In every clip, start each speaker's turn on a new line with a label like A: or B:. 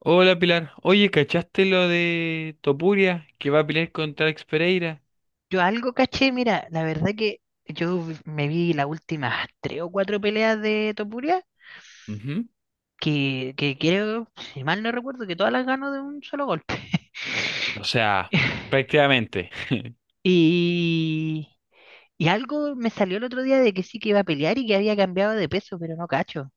A: Hola Pilar, oye, ¿cachaste lo de Topuria que va a pelear contra Alex Pereira?
B: Yo algo caché, mira, la verdad que me vi las últimas tres o cuatro peleas de Topuria,
A: Ujú.
B: que creo, si mal no recuerdo, que todas las ganó de un solo golpe.
A: O sea, prácticamente.
B: Y, algo me salió el otro día de que sí que iba a pelear y que había cambiado de peso, pero no cacho.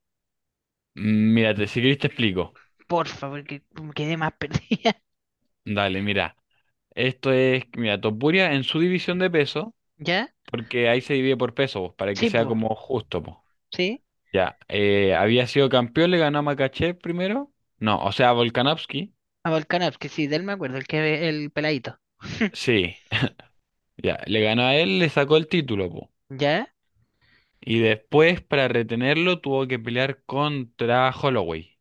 A: Mírate, si querés te explico.
B: Por favor, que me quedé más perdida.
A: Dale, mira. Esto es, mira, Topuria en su división de peso,
B: ¿Ya?
A: porque ahí se divide por peso, pues, para que
B: Sí,
A: sea
B: pues.
A: como justo, pues.
B: Sí.
A: Ya, había sido campeón, le ganó a Makachev primero. No, o sea, a Volkanovski.
B: A Volkanovski, que sí, de él me acuerdo, el que el peladito.
A: Sí, ya, le ganó a él, le sacó el título, pues.
B: ¿Ya?
A: Y después, para retenerlo, tuvo que pelear contra Holloway.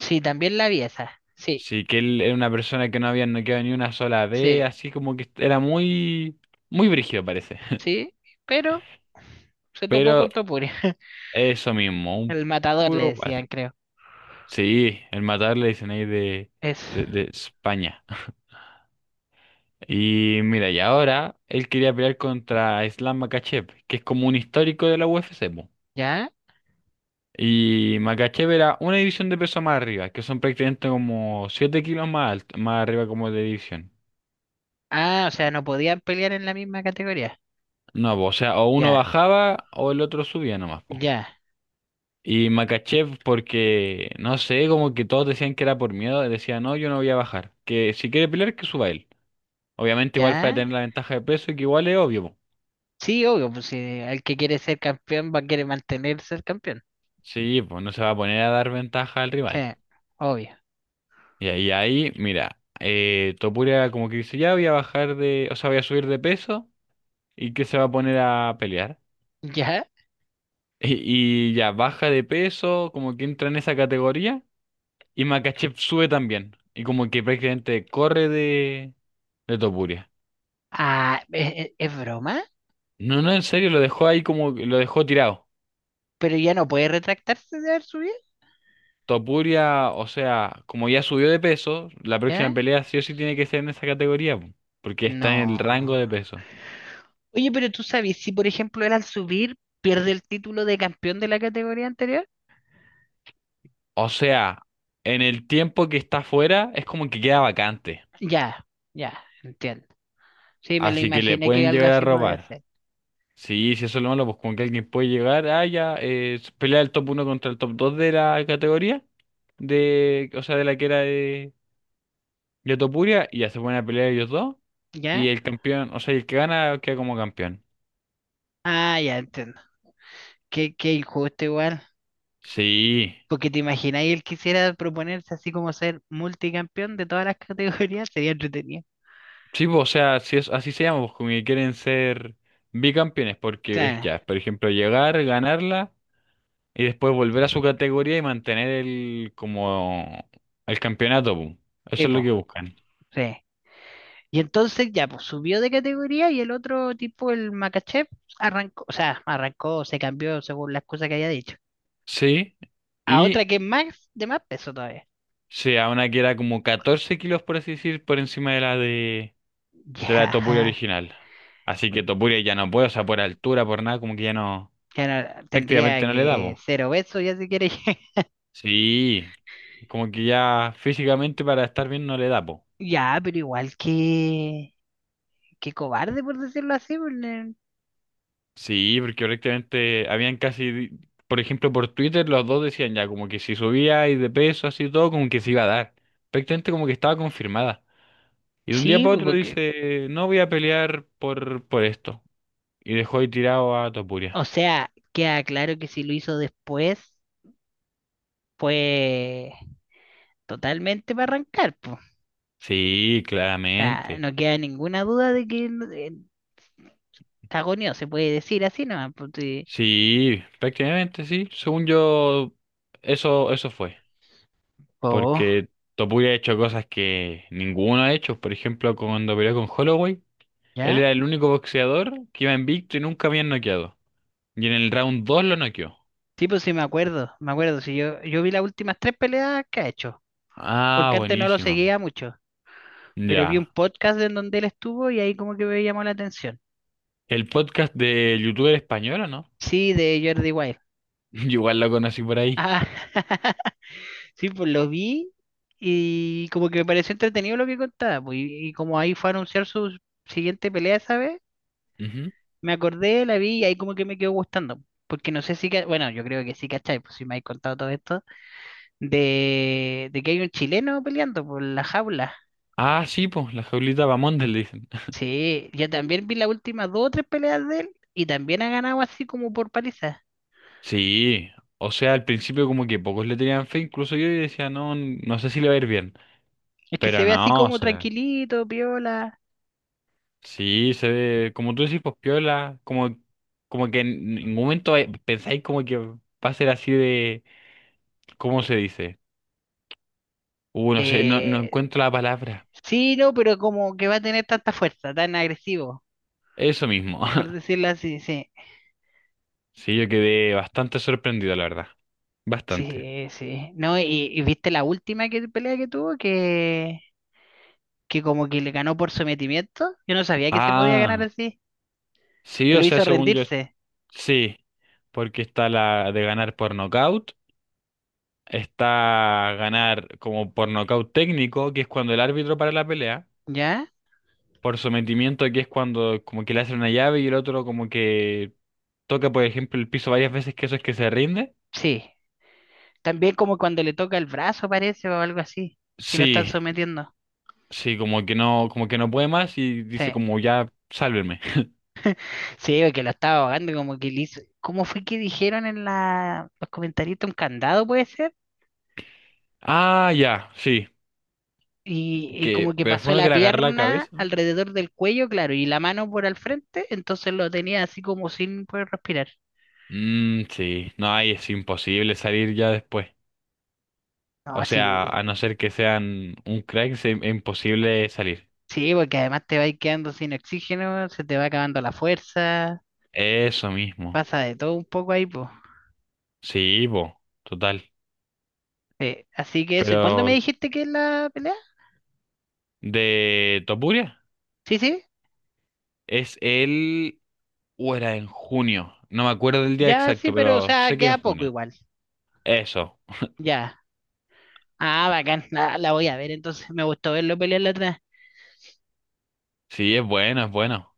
B: Sí, también la vi esa. Sí,
A: Sí, que él era una persona que no había noqueado ni una sola vez,
B: sí,
A: así como que era muy brígido parece.
B: sí. Pero se topó
A: Pero
B: con Topuri.
A: eso mismo, un
B: El matador le
A: puro guate.
B: decían, creo.
A: Sí, el matar le dicen ahí
B: Eso.
A: de España. Y mira, y ahora él quería pelear contra Islam Makhachev, que es como un histórico de la UFC, po.
B: ¿Ya?
A: Y Makhachev era una división de peso más arriba, que son prácticamente como 7 kilos más, más arriba como de división.
B: Ah, o sea, no podían pelear en la misma categoría.
A: No, po, o sea, o uno
B: Ya,
A: bajaba o el otro subía nomás, po.
B: ya,
A: Y Makachev, porque no sé, como que todos decían que era por miedo, decía, no, yo no voy a bajar. Que si quiere pelear, que suba él. Obviamente, igual para
B: ya.
A: tener la ventaja de peso, que igual es obvio, po.
B: Sí, obvio, pues si el que quiere ser campeón va a querer mantener ser campeón.
A: Sí, pues no se va a poner a dar ventaja al
B: Sí,
A: rival.
B: obvio.
A: Y mira, Topuria como que dice, ya voy a bajar de, o sea, voy a subir de peso y que se va a poner a pelear.
B: ¿Ya?
A: Y ya baja de peso, como que entra en esa categoría. Y Makachev sube también. Y como que prácticamente corre de Topuria.
B: Ah, es broma?
A: No, en serio, lo dejó ahí como lo dejó tirado.
B: ¿Pero ya no puede retractarse de haber subido?
A: Topuria, o sea, como ya subió de peso, la próxima
B: ¿Ya?
A: pelea sí o sí tiene que ser en esa categoría, po, porque está en el rango
B: No.
A: de peso.
B: Oye, pero tú sabes, si por ejemplo él al subir pierde el título de campeón de la categoría anterior.
A: O sea, en el tiempo que está fuera es como que queda vacante,
B: Ya, ya, entiendo. Sí, me lo
A: así que le
B: imaginé que
A: pueden
B: algo
A: llegar a
B: así podía
A: robar.
B: hacer.
A: Sí, si eso es lo malo, pues como que alguien puede llegar, ah, ya, pelea el top uno contra el top 2 de la categoría, de, o sea, de la que era de Topuria, y ya se ponen a pelear ellos dos,
B: ¿Ya?
A: y el campeón, o sea, el que gana queda como campeón.
B: Ah, ya entiendo. Qué injusto igual.
A: Sí,
B: Porque te imaginas, él quisiera proponerse así como ser multicampeón de todas las categorías, sería entretenido.
A: sí, po, o sea, si es, así se llama, pues, como que quieren ser bicampeones, porque es
B: Claro,
A: ya, por ejemplo, llegar, ganarla y después volver a su categoría y mantener el como el campeonato, po. Eso es lo que
B: tipo,
A: buscan.
B: sí. Y entonces ya, pues subió de categoría y el otro tipo, el Makachev, arrancó, o sea, arrancó, se cambió según las cosas que había dicho.
A: Sí,
B: A otra
A: y
B: que es más, de más peso todavía.
A: sea una que era como 14 kilos, por así decir, por encima de la Topuria
B: Ya.
A: original. Así que Topuria ya no puede, o sea, por altura, por nada, como que ya no,
B: Ya Tendría
A: prácticamente no le da.
B: que ser obeso ya si quiere.
A: Sí, como que ya físicamente para estar bien no le da, po.
B: Ya, pero igual que... qué cobarde por decirlo así, pues,
A: Sí, porque prácticamente habían casi, por ejemplo, por Twitter los dos decían ya como que si subía y de peso así todo, como que se iba a dar. Prácticamente como que estaba confirmada. Y de un día
B: Sí,
A: para
B: pues,
A: otro
B: porque,
A: dice, no voy a pelear por esto. Y dejó ahí tirado a Topuria.
B: o sea, queda claro que si lo hizo después fue totalmente para arrancar, pues.
A: Sí,
B: O sea,
A: claramente.
B: no queda ninguna duda de que cagoneó, se puede decir así nomás, pues, sí.
A: Sí, prácticamente sí. Según yo, eso fue,
B: Oh,
A: porque Topuria ha hecho cosas que ninguno ha hecho. Por ejemplo, cuando peleó con Holloway, él
B: ¿ya?
A: era el único boxeador que iba invicto y nunca habían noqueado. Y en el round 2 lo noqueó.
B: Sí, pues sí, me acuerdo, sí, yo vi las últimas tres peleas que ha hecho,
A: Ah,
B: porque antes no lo
A: buenísimo.
B: seguía mucho, pero vi un
A: Ya.
B: podcast en donde él estuvo y ahí como que me llamó la atención.
A: ¿El podcast de youtuber español o no?
B: Sí, de Jordi Wild.
A: Yo igual lo conocí por ahí.
B: Ah, sí, pues lo vi y como que me pareció entretenido lo que contaba, pues, y como ahí fue a anunciar su siguiente pelea esa vez,
A: Ujú.
B: me acordé, la vi y ahí como que me quedó gustando. Porque no sé si, bueno, yo creo que sí, ¿cachai? Pues si me habéis contado todo esto, de que hay un chileno peleando por la jaula.
A: Ah, sí, pues, la jaulita Bamonde le dicen.
B: Sí, yo también vi las últimas dos o tres peleas de él y también ha ganado así como por paliza.
A: Sí, o sea, al principio como que pocos le tenían fe, incluso yo y decía, no, no sé si le va a ir bien.
B: Es que se
A: Pero
B: ve así
A: no, o
B: como
A: sea.
B: tranquilito, piola.
A: Sí, se ve, como tú decís, pues piola, como, como que en ningún momento pensáis como que va a ser así de, ¿cómo se dice? No sé, no
B: Eh,
A: encuentro la palabra.
B: sí, no, pero como que va a tener tanta fuerza, tan agresivo,
A: Eso mismo.
B: por decirlo así, sí,
A: Sí, yo quedé bastante sorprendido, la verdad. Bastante.
B: sí. No, y viste la última pelea que tuvo, que como que le ganó por sometimiento. Yo no sabía que se podía ganar
A: Ah,
B: así,
A: sí,
B: que
A: o
B: lo
A: sea,
B: hizo
A: según yo,
B: rendirse,
A: sí, porque está la de ganar por nocaut, está ganar como por nocaut técnico, que es cuando el árbitro para la pelea,
B: ¿ya?
A: por sometimiento, que es cuando como que le hacen una llave y el otro como que toca, por ejemplo, el piso varias veces, que eso es que se rinde.
B: Sí. También como cuando le toca el brazo, parece, o algo así, si lo están
A: Sí,
B: sometiendo.
A: sí, como que no puede más y
B: Sí,
A: dice como ya, sálvenme.
B: sí, que lo estaba ahogando, como que le hizo. ¿Cómo fue que dijeron en la, los comentarios? ¿Un candado puede ser?
A: Ah, ya, sí,
B: Y como
A: que,
B: que
A: pero fue
B: pasó
A: uno que
B: la
A: le agarró la
B: pierna
A: cabeza.
B: alrededor del cuello, claro, y la mano por al frente, entonces lo tenía así como sin poder respirar.
A: Sí, no, ahí es imposible salir ya después.
B: No,
A: O
B: sí,
A: sea, a no ser que sean un crack, es imposible salir.
B: sí, porque además te vas quedando sin oxígeno, se te va acabando la fuerza,
A: Eso mismo.
B: pasa de todo un poco ahí, pues.
A: Sí, po, total.
B: Sí, así que eso, ¿y cuándo
A: Pero,
B: me dijiste que es la pelea?
A: ¿de Topuria?
B: Sí, sí,
A: Es el... o era en junio. No me acuerdo del día
B: ya sí,
A: exacto,
B: pero o
A: pero
B: sea,
A: sé que en
B: queda poco
A: junio.
B: igual,
A: Eso.
B: ya. Ah, bacán, la voy a ver, entonces me gustó verlo pelear la otra vez.
A: Sí, es bueno, es bueno.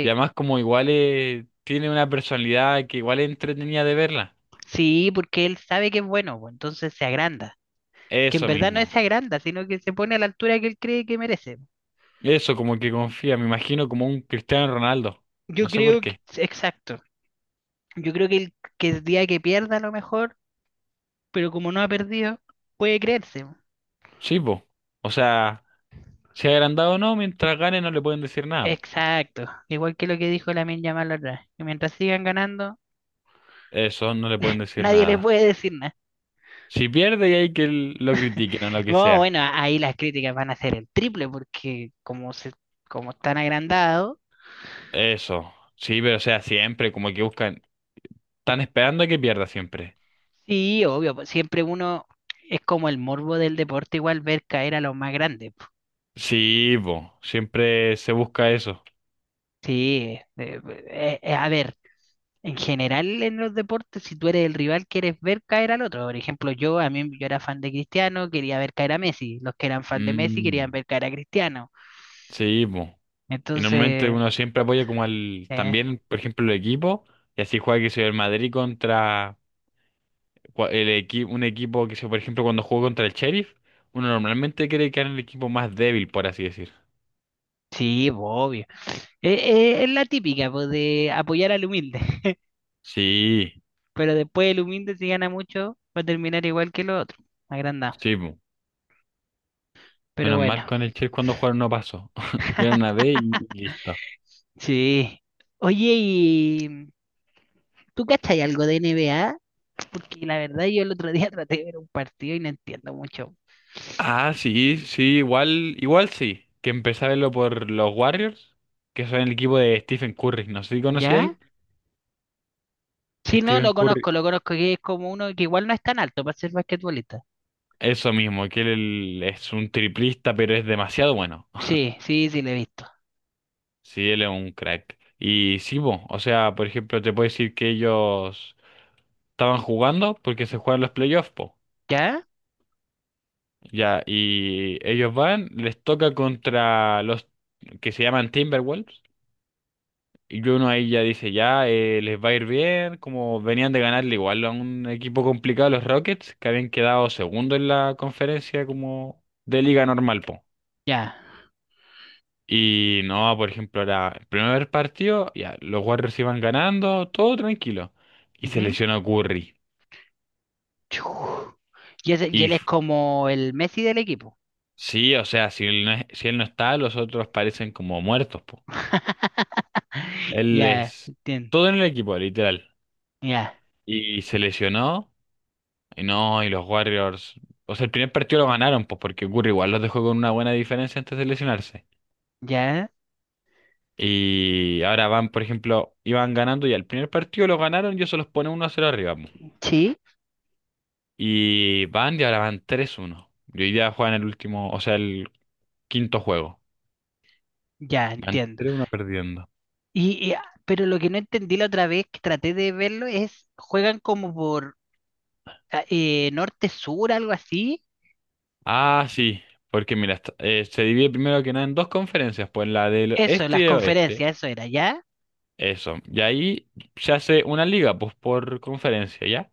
A: Y además como igual tiene una personalidad que igual es entretenida de verla.
B: sí, porque él sabe que es bueno, pues, entonces se agranda. Que en
A: Eso
B: verdad no
A: mismo.
B: se agranda, sino que se pone a la altura que él cree que merece.
A: Eso como que confía, me imagino como un Cristiano Ronaldo.
B: Yo
A: No sé por
B: creo que,
A: qué.
B: exacto, yo creo que que el día que pierda a lo mejor, pero como no ha perdido, puede creerse.
A: Sí, po. O sea, si ha agrandado o no, mientras gane no le pueden decir nada, po.
B: Exacto, igual que lo que dijo Lamine Yamal la otra vez, que mientras sigan ganando,
A: Eso, no le pueden decir
B: nadie les
A: nada.
B: puede decir nada.
A: Si pierde y hay que lo critiquen o lo que
B: No,
A: sea.
B: bueno, ahí las críticas van a ser el triple, porque como están agrandados,
A: Eso. Sí, pero o sea, siempre como que buscan. Están esperando a que pierda siempre.
B: sí, obvio, pues siempre uno es como el morbo del deporte, igual ver caer a los más grandes, po.
A: Sí, po, siempre se busca eso.
B: Sí, a ver, en general, en los deportes, si tú eres el rival, quieres ver caer al otro. Por ejemplo, yo a mí yo era fan de Cristiano, quería ver caer a Messi. Los que eran fan de Messi querían
A: Mm.
B: ver caer a Cristiano.
A: Sí, po. Y normalmente
B: Entonces,
A: uno siempre apoya como al,
B: eh,
A: también, por ejemplo, el equipo, y así juega que soy el Madrid contra un equipo que sea, por ejemplo, cuando juega contra el Sheriff, uno normalmente quiere que en el equipo más débil, por así decir.
B: sí, pues, obvio. Es la típica, pues, de apoyar al humilde.
A: Sí,
B: Pero después el humilde, si gana mucho, va a terminar igual que el otro, agrandado.
A: sí, po.
B: Pero
A: Menos
B: bueno,
A: mal con el Sheriff cuando jugaron no pasó. Era una vez y listo.
B: sí. Oye, ¿y tú cachai algo de NBA? Porque la verdad yo el otro día traté de ver un partido y no entiendo mucho.
A: Ah, sí, sí, igual, igual sí. Que empecé a verlo por los Warriors, que son el equipo de Stephen Curry. No sé si conocía a
B: ¿Ya?
A: él. Que
B: Sí, no,
A: Stephen
B: lo
A: Curry,
B: conozco, lo conozco, que es como uno que igual no es tan alto para ser basquetbolista.
A: eso mismo, que él es un triplista, pero es demasiado bueno.
B: Sí, sí, sí, lo he visto.
A: Sí, él es un crack. Y sí, po, o sea, por ejemplo, te puedo decir que ellos estaban jugando porque se juegan los playoffs, po.
B: ¿Ya?
A: Ya, y ellos van, les toca contra los que se llaman Timberwolves. Y uno ahí ya dice, ya, les va a ir bien, como venían de ganarle igual a un equipo complicado, los Rockets, que habían quedado segundo en la conferencia como de liga normal, po.
B: Ya.
A: Y no, por ejemplo, era el primer partido, ya, los Warriors iban ganando, todo tranquilo. Y se
B: Ujú.
A: lesionó Curry.
B: Chu. Y, y
A: Y
B: él es
A: f-
B: como el Messi del equipo.
A: sí, o sea, si él si él no está, los otros parecen como muertos, po. Él
B: Ya,
A: es
B: entiendo.
A: todo en el equipo, literal.
B: Ya,
A: Y se lesionó. Y no, y los Warriors. O sea, el primer partido lo ganaron, pues porque Curry igual los dejó con una buena diferencia antes de lesionarse.
B: ya.
A: Y ahora van, por ejemplo, iban ganando y al primer partido lo ganaron y eso los pone 1-0 arriba, po.
B: Sí,
A: Y van y ahora van 3-1. Y hoy día juegan el último, o sea, el quinto juego.
B: ya,
A: Van
B: entiendo.
A: tres uno perdiendo.
B: Y, y- pero lo que no entendí la otra vez que traté de verlo es, juegan como por ah, norte-sur, algo así.
A: Ah, sí, porque mira, se divide primero que nada en dos conferencias, pues la del
B: Eso,
A: este y
B: las
A: del oeste.
B: conferencias, eso era, ¿ya?
A: Eso. Y ahí se hace una liga, pues por conferencia, ¿ya?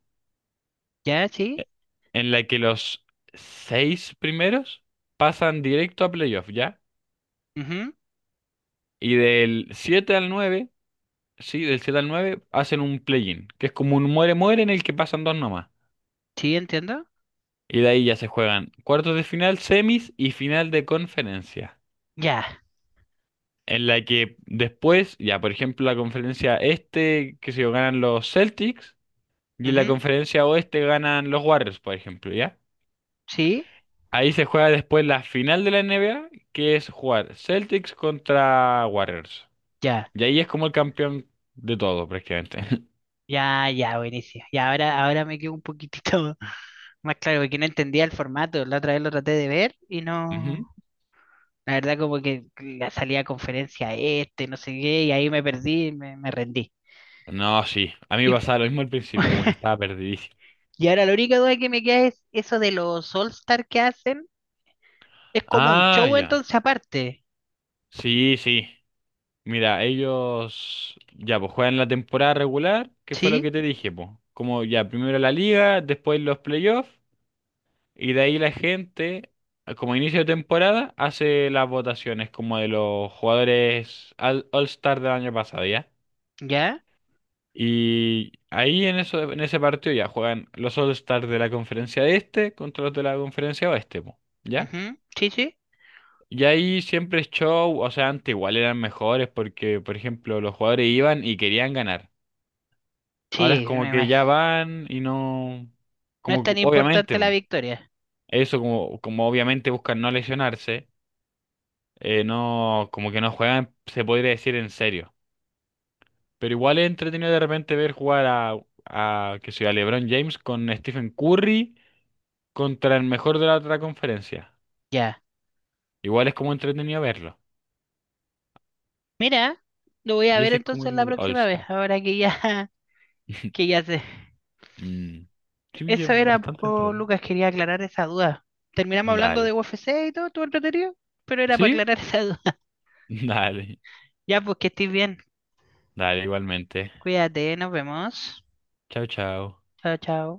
B: ¿Ya? Sí.
A: En la que los seis primeros pasan directo a playoff, ¿ya?
B: Ujú.
A: Y del 7 al nueve, sí, del siete al nueve hacen un play-in, que es como un muere-muere en el que pasan dos nomás.
B: Sí, entiendo.
A: Y de ahí ya se juegan cuartos de final, semis y final de conferencia.
B: Ya.
A: En la que después, ya por ejemplo, la conferencia este, que sé yo, ganan los Celtics, y en la
B: Ujú,
A: conferencia oeste ganan los Warriors, por ejemplo, ¿ya?
B: sí,
A: Ahí se juega después la final de la NBA, que es jugar Celtics contra Warriors.
B: ya,
A: Y ahí es como el campeón de todo, prácticamente.
B: ya, buenísimo. Y ahora me quedo un poquitito más claro, porque no entendía el formato. La otra vez lo traté de ver y
A: Ujú.
B: no. La verdad, como que la salía a conferencia este, no sé qué, y ahí me perdí, me rendí.
A: No, sí. A mí me
B: Y, cu-
A: pasaba lo mismo al principio, como que estaba perdidísimo.
B: y ahora la única duda que me queda es eso de los All-Star que hacen. Es como un
A: Ah,
B: show
A: ya.
B: entonces aparte.
A: Sí, sí. Mira, ellos ya pues juegan la temporada regular, que fue lo
B: ¿Sí?
A: que te dije, pues. Como ya primero la liga, después los playoffs. Y de ahí la gente, como inicio de temporada, hace las votaciones como de los jugadores All-Star del año pasado, ¿ya?
B: ¿Ya?
A: Y ahí en eso, en ese partido ya juegan los All-Star de la conferencia este contra los de la conferencia oeste, po, ¿ya?
B: Ujú, sí, sí.
A: Y ahí siempre es show, o sea, antes igual eran mejores porque, por ejemplo, los jugadores iban y querían ganar. Ahora es
B: Sí, me
A: como que
B: imag-
A: ya van y no,
B: No es
A: como que
B: tan
A: obviamente,
B: importante la victoria.
A: eso como, como obviamente buscan no lesionarse, no, como que no juegan, se podría decir en serio. Pero igual es entretenido de repente ver jugar a que sea LeBron James con Stephen Curry contra el mejor de la otra conferencia.
B: Ya,
A: Igual es como entretenido verlo.
B: mira, lo voy a
A: Y
B: ver
A: ese es como
B: entonces la
A: el
B: próxima vez,
A: All-Star.
B: ahora que ya, que ya sé.
A: Mm. Sí, es
B: Eso era,
A: bastante
B: po,
A: entretenido.
B: Lucas, quería aclarar esa duda. Terminamos hablando de
A: Dale.
B: UFC y todo, todo entretenido, pero era para
A: ¿Sí?
B: aclarar esa duda.
A: Dale.
B: Ya, pues que estés bien.
A: Dale, igualmente.
B: Cuídate, nos vemos.
A: Chao, chao.
B: Chao, chao.